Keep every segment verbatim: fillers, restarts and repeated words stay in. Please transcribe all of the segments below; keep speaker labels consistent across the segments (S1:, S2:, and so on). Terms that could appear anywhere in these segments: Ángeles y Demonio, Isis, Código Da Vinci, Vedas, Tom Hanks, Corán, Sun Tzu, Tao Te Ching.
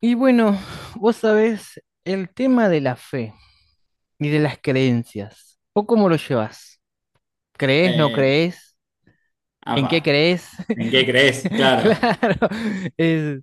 S1: Y bueno, vos sabés el tema de la fe y de las creencias. ¿Vos cómo lo llevas? ¿Crees, no
S2: Eh,
S1: crees? ¿En qué
S2: apa,
S1: crees?
S2: ¿en qué crees? Claro,
S1: Claro, es,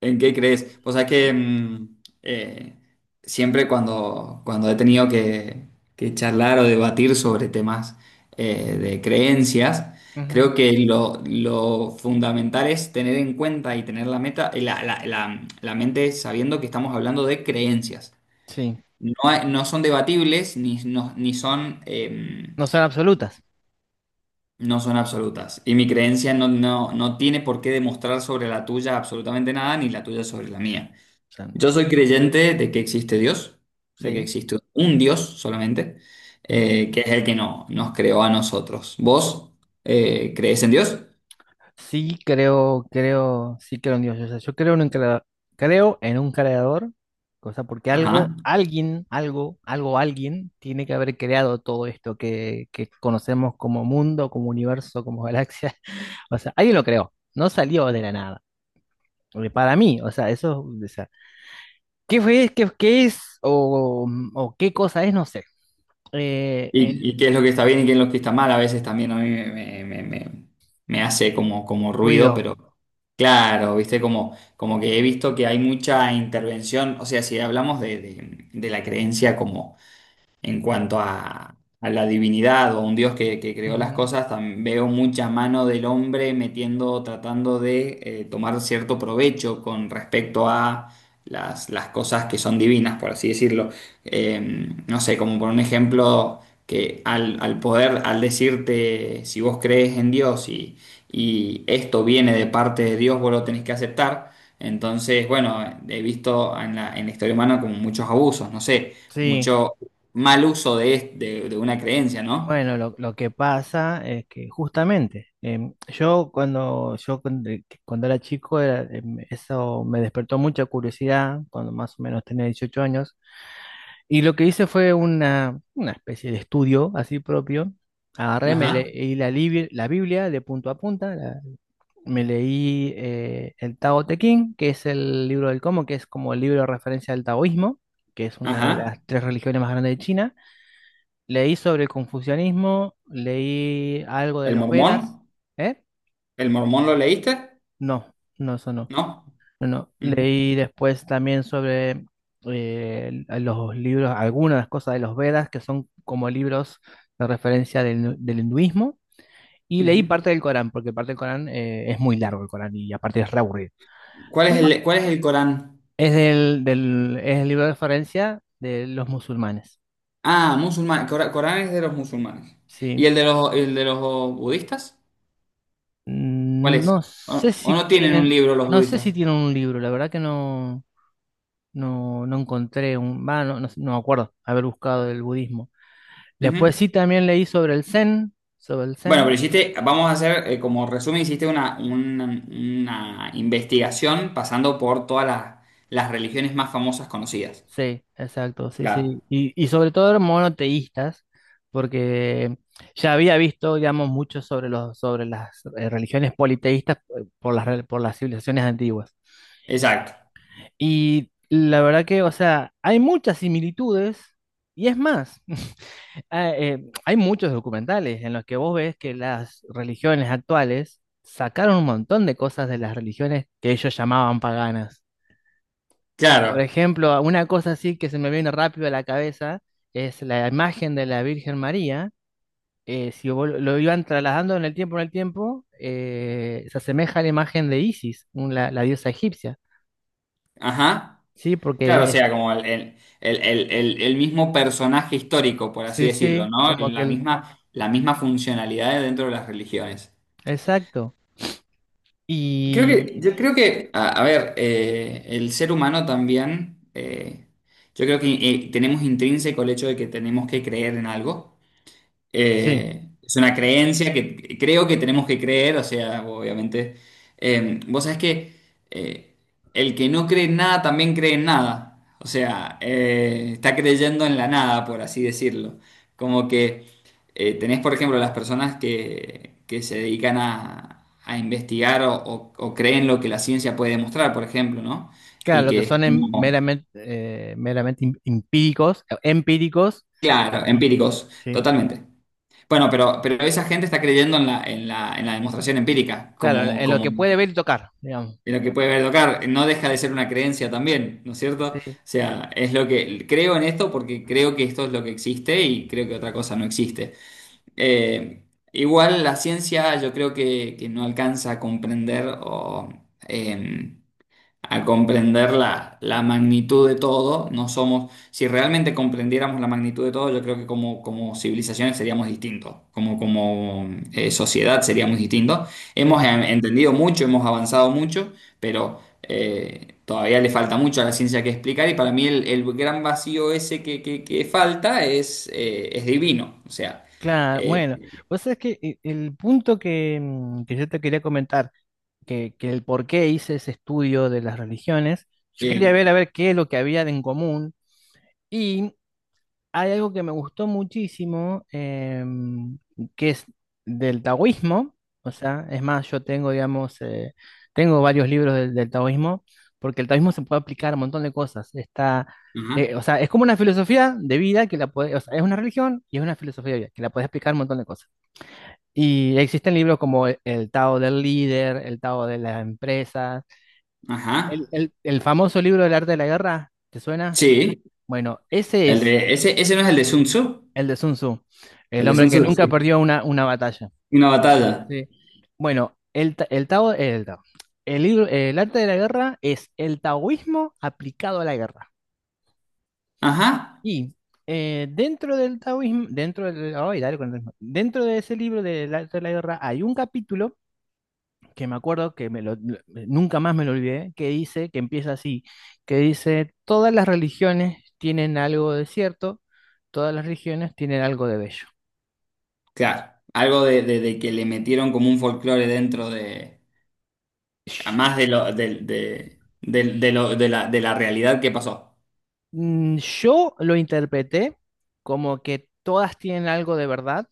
S2: ¿en qué crees? O sea que mm, eh, siempre cuando, cuando he tenido que, que charlar o debatir sobre temas eh, de creencias,
S1: ujú,
S2: creo que lo, lo fundamental es tener en cuenta y tener la meta, eh, la, la- la- la mente sabiendo que estamos hablando de creencias.
S1: sí,
S2: No, hay- no son debatibles ni, no- ni son... em,
S1: no son absolutas.
S2: No son absolutas. Y mi creencia no, no, no tiene por qué demostrar sobre la tuya absolutamente nada, ni la tuya sobre la mía.
S1: O sea,
S2: Yo soy creyente de que existe Dios, de que
S1: sí.
S2: existe un Dios solamente,
S1: Ujú.
S2: eh, que es el que no, nos creó a nosotros. ¿Vos eh, crees en Dios?
S1: Sí, creo, creo, sí creo en Dios. O sea, yo creo en un creador, creo en un creador, cosa porque algo,
S2: Ajá.
S1: alguien, algo, algo, alguien tiene que haber creado todo esto que, que conocemos como mundo, como universo, como galaxia. O sea, alguien lo creó, no salió de la nada. Porque para mí, o sea, eso, o sea, ¿qué fue, qué, qué es o, o qué cosa es? No sé. Eh,
S2: Y, y qué es lo que está bien y qué es lo que está mal, a veces también a mí me, me- me- me- me hace como, como ruido,
S1: ruido.
S2: pero claro, viste, como, como que he visto que hay mucha intervención, o sea, si hablamos de, de- de la creencia en cuanto a, a la divinidad o un Dios que, que creó las
S1: Ujú.
S2: cosas, tam- veo mucha mano del hombre metiendo, tratando de eh, tomar cierto provecho con respecto a las, las cosas que son divinas, por así decirlo. Eh, no sé, como por un ejemplo, que al, al poder, al decirte si vos crees en Dios y, y esto viene de parte de Dios, vos lo tenés que aceptar. Entonces, bueno, he visto en la, en la historia humana como muchos abusos, no sé,
S1: Sí.
S2: mucho mal uso de, de, de una creencia, ¿no?
S1: Bueno, lo, lo que pasa es que justamente em, yo cuando yo cuando, cuando era chico era, em, eso me despertó mucha curiosidad cuando más o menos tenía dieciocho años y lo que hice fue una, una especie de estudio así propio. Agarré, me
S2: Ajá,
S1: leí la, libi- la Biblia de punto a punta, la- me leí eh, el Tao Te Ching, que es el libro del cómo, que es como el libro de referencia al taoísmo, que es una de las
S2: ajá.
S1: tres religiones más grandes de China. Leí sobre el confucianismo, leí algo de
S2: ¿El
S1: los Vedas.
S2: mormón?
S1: ¿Eh?
S2: ¿El mormón lo leíste?
S1: No, no, eso no.
S2: ¿No?
S1: No, no.
S2: Ujú,
S1: Leí después también sobre eh, los libros, algunas cosas de los Vedas, que son como libros de referencia del, nu- del hinduismo. Y
S2: ujú.
S1: leí parte del Corán, porque parte del Corán, eh, es muy largo el Corán y aparte es re aburrido.
S2: ¿Cuál es el, cuál es el Corán?
S1: Es del, del- es el libro de referencia de los musulmanes.
S2: Ah, musulmán. Cora- Corán es de los musulmanes. ¿Y
S1: Sí.
S2: el de los, el de los budistas? ¿Cuál
S1: Mm,
S2: es?
S1: no
S2: ¿O,
S1: sé
S2: o
S1: si
S2: no tienen un
S1: tienen,
S2: libro los
S1: no sé si
S2: budistas?
S1: tienen un libro, la verdad que no, no, no encontré un, va, no, no, no me acuerdo haber buscado el budismo.
S2: Ujú.
S1: Después sí también leí sobre el Zen, sobre el
S2: Bueno,
S1: Zen.
S2: pero hiciste, vamos a hacer, eh, como resumen, hiciste una, una, una investigación pasando por todas las, las religiones más famosas conocidas.
S1: Sí, exacto, sí,
S2: Claro.
S1: sí, y, y sobre todo eran monoteístas, porque ya había visto, digamos, mucho sobre los, sobre las eh, religiones politeístas, eh, por las, re- por las civilizaciones antiguas.
S2: Exacto.
S1: Y la verdad que, o sea, hay muchas similitudes y es más, ah, eh, hay muchos documentales en los que vos ves que las religiones actuales sacaron un montón de cosas de las religiones que ellos llamaban paganas.
S2: Claro.
S1: Por ejemplo, una cosa así que se me viene rápido a la cabeza es la imagen de la Virgen María. Eh, si vos lo lo iban trasladando en el tiempo, en el tiempo, eh, se asemeja a la imagen de Isis, un- la, la diosa egipcia.
S2: Ajá.
S1: Sí,
S2: Claro, o
S1: porque eh,
S2: sea, como el, el- el- el- el- el mismo personaje histórico, por así
S1: sí,
S2: decirlo,
S1: sí,
S2: ¿no?
S1: como que
S2: La
S1: el-
S2: misma, la misma funcionalidad dentro de las religiones.
S1: exacto.
S2: Creo
S1: Y
S2: que, yo creo que, a, a ver, eh, el ser humano también, eh, yo creo que eh, tenemos intrínseco el hecho de que tenemos que creer en algo.
S1: sí,
S2: Eh, es una creencia que creo que tenemos que creer, o sea, obviamente. Eh, vos sabés que eh, el que no cree en nada también cree en nada. O sea, eh, está creyendo en la nada, por así decirlo. Como que eh, tenés, por ejemplo, las personas que, que se dedican a, a investigar o, o- o creen lo que la ciencia puede demostrar, por ejemplo, ¿no?
S1: claro,
S2: Y
S1: lo que
S2: que es
S1: son em-
S2: como,
S1: meramente, eh, meramente em- empíricos, eh, empíricos,
S2: claro,
S1: y
S2: empíricos,
S1: sí,
S2: totalmente. Bueno, pero, pero esa gente está creyendo en la, en la, en la demostración empírica,
S1: claro,
S2: como,
S1: en lo
S2: como
S1: que
S2: en
S1: puede ver y tocar, digamos.
S2: lo que puede ver tocar. No deja de ser una creencia también, ¿no es cierto? O
S1: Sí,
S2: sea, es lo que creo en esto porque creo que esto es lo que existe y creo que otra cosa no existe. Eh, igual la ciencia yo creo que, que no alcanza a comprender o, em, a comprender la, la magnitud de todo. No somos, si realmente comprendiéramos la magnitud de todo, yo creo que como, como civilizaciones seríamos distintos, como, como eh, sociedad seríamos distintos.
S1: sí,
S2: Hemos eh, entendido mucho, hemos avanzado mucho, pero eh, todavía le falta mucho a la ciencia que explicar y para mí el, el gran vacío ese que, que- que falta es, eh, es divino. O sea,
S1: claro.
S2: eh,
S1: Bueno, vos sabés que e- el punto que, mm, que yo te quería comentar, que, que el por qué hice ese estudio de las religiones, yo quería
S2: eh,
S1: ver a ver qué es lo que había de en común. Hay algo que me gustó muchísimo, em, que es del taoísmo, o sea, es más, yo tengo, digamos, eh, tengo varios libros del, del taoísmo, porque el taoísmo se puede aplicar a un montón de cosas. Está,
S2: ajá,
S1: eh, o sea, es como una filosofía de vida que la puede, o sea, es una religión y es una filosofía de vida que la puedes aplicar a un montón de cosas. Y existen libros como el, el Tao del líder, el Tao de las empresas, el,
S2: ajá,
S1: el el famoso libro del arte de la guerra, ¿te suena?
S2: sí,
S1: Bueno, ese
S2: el
S1: es
S2: de, ese, ese no es el de Sun Tzu,
S1: el de Sun Tzu, el
S2: el de
S1: hombre
S2: Sun
S1: que
S2: Tzu.
S1: nunca perdió una, una batalla.
S2: Una batalla.
S1: Sí. Bueno, el, ta- el Tao, el Tao. El libro, el arte de la guerra es el taoísmo aplicado a la guerra.
S2: Ajá,
S1: Y eh, dentro del taoísmo, dentro del, ay, dale con el ritmo. Dentro de ese libro del arte de la guerra hay un capítulo que me acuerdo que me lo- lo- nunca más me lo olvidé, que dice, que empieza así, que dice, todas las religiones tienen algo de cierto, todas las religiones tienen algo de bello.
S2: claro. Algo de, de- de que le metieron como un folclore dentro de... a más de lo, del de, de- de lo- de la, de la realidad que pasó.
S1: Mm, Yo lo interpreté como que todas tienen algo de verdad,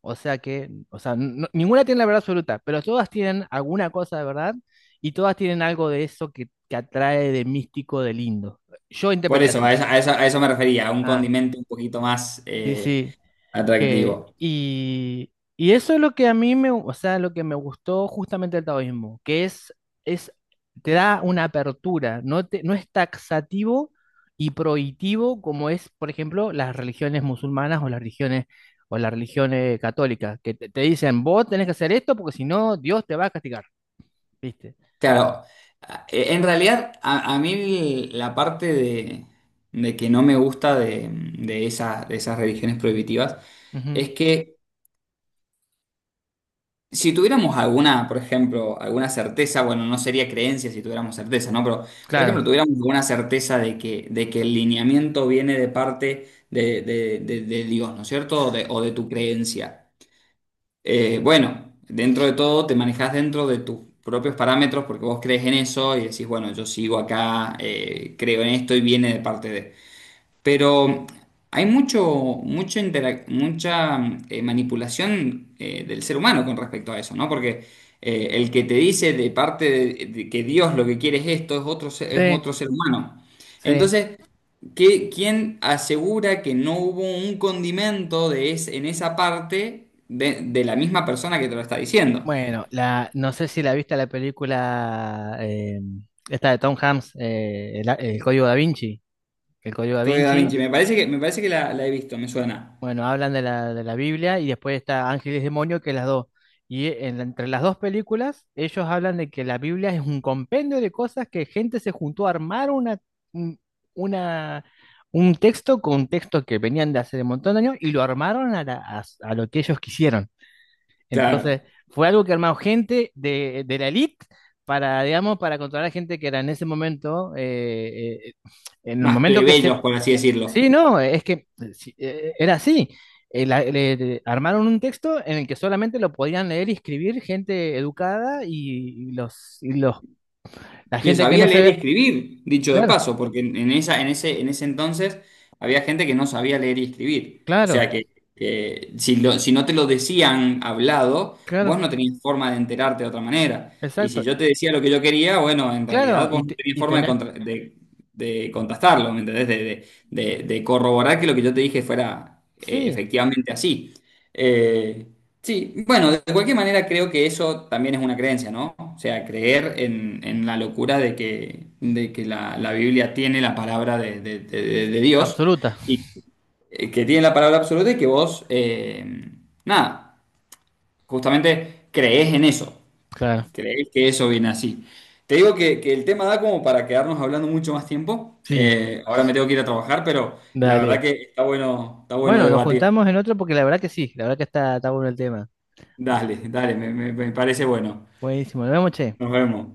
S1: o sea que, o sea, no- ninguna tiene la verdad absoluta, pero todas tienen alguna cosa de verdad y todas tienen algo de eso que, que atrae de místico, de lindo. Yo
S2: Por
S1: interpreté
S2: eso,
S1: así.
S2: a eso, a eso, a eso me refería, a un
S1: Ah,
S2: condimento un poquito más
S1: sí,
S2: eh,
S1: sí que,
S2: atractivo.
S1: y, y eso es lo que a mí me, o sea, lo que me gustó justamente del taoísmo, que es, es, te da una apertura, no te- no es taxativo y prohibitivo como es, por ejemplo, las religiones musulmanas o las religiones, o las religiones católicas, que te, te dicen, vos tenés que hacer esto porque si no, Dios te va a castigar, ¿viste?
S2: Claro, a- en realidad a, a mí la parte de, de que no me gusta de, de esas, de esas religiones prohibitivas
S1: Ujú,
S2: es que si tuviéramos alguna, por ejemplo, alguna certeza, bueno, no sería creencia si tuviéramos certeza, ¿no? Pero, por
S1: claro,
S2: ejemplo, tuviéramos alguna certeza de que, de que el lineamiento viene de parte de, de- de- de Dios, ¿no es cierto? O de, o de tu creencia. Eh, bueno, dentro de todo te manejas dentro de tus propios parámetros porque vos crees en eso y decís, bueno, yo sigo acá, eh, creo en esto y viene de parte de... Pero hay mucho, mucho interac- mucha eh, manipulación eh, del ser humano con respecto a eso, ¿no? Porque eh, el que te dice de parte de, de que Dios lo que quiere es esto, es otro, se- es
S1: sí,
S2: otro ser humano.
S1: sí.
S2: Entonces, ¿qué- ¿quién asegura que no hubo un condimento de es- en esa parte de, de la misma persona que te lo está diciendo?
S1: Bueno, la, no sé si la viste la película, eh, esta de Tom Hanks, eh, el, el Código Da Vinci. El Código Da
S2: Código Da
S1: Vinci,
S2: Vinci, me parece que, me parece que la, la he visto, me suena.
S1: bueno, hablan de la, de la Biblia y después está Ángeles y Demonio, que es las dos. Y en la- entre las dos películas, ellos hablan de que la Biblia es un compendio de cosas que gente se juntó a armar una, un- una, un texto con textos que venían de hace un montón de años y lo armaron a, la- a a lo que ellos quisieron.
S2: Claro,
S1: Entonces, fue algo que armó gente de, de la elite para, digamos, para controlar a gente que era en ese momento, eh, eh, en el
S2: más
S1: momento que se...
S2: plebeyos, por así decirlo.
S1: Sí, no, es que eh, sí, eh, era así. Eh, la- le- le- armaron un texto en el que solamente lo podían leer y escribir gente educada y, y los, y los, la
S2: Que
S1: gente que no
S2: sabía
S1: se
S2: leer y
S1: ve.
S2: escribir, dicho de
S1: Claro,
S2: paso, porque en, en esa, en ese, en ese entonces había gente que no sabía leer y escribir. O
S1: claro,
S2: sea que, que si, lo- si no te lo decían hablado,
S1: claro,
S2: vos no tenías forma de enterarte de otra manera. Y si
S1: exacto.
S2: yo
S1: Y-
S2: te decía lo que yo quería, bueno, en
S1: claro,
S2: realidad
S1: y,
S2: vos no
S1: te-
S2: tenías
S1: y
S2: forma de,
S1: tenía...
S2: contra- de, de contrastarlo, ¿me entendés? De, de- de- de corroborar que lo que yo te dije fuera eh,
S1: Sí,
S2: efectivamente así. Eh, Sí, bueno, de cualquier manera creo que eso también es una creencia, ¿no? O sea, creer en, en la locura de que, de que la, la Biblia tiene la palabra de, de- de- de Dios
S1: absoluta.
S2: y que que tiene la palabra absoluta y que vos, eh, nada, justamente creés en eso,
S1: Claro,
S2: creés que eso viene así. Te digo que, que el tema da como para quedarnos hablando mucho más tiempo.
S1: sí,
S2: Eh, ahora me tengo que ir a trabajar, pero la verdad
S1: dale.
S2: que está bueno, está bueno
S1: Bueno, nos
S2: debatir.
S1: juntamos en otro porque la verdad que sí, la verdad que está, está bueno el tema. Así
S2: Dale,
S1: que,
S2: dale, me me- me parece bueno.
S1: buenísimo. Nos vemos, che.
S2: Nos vemos.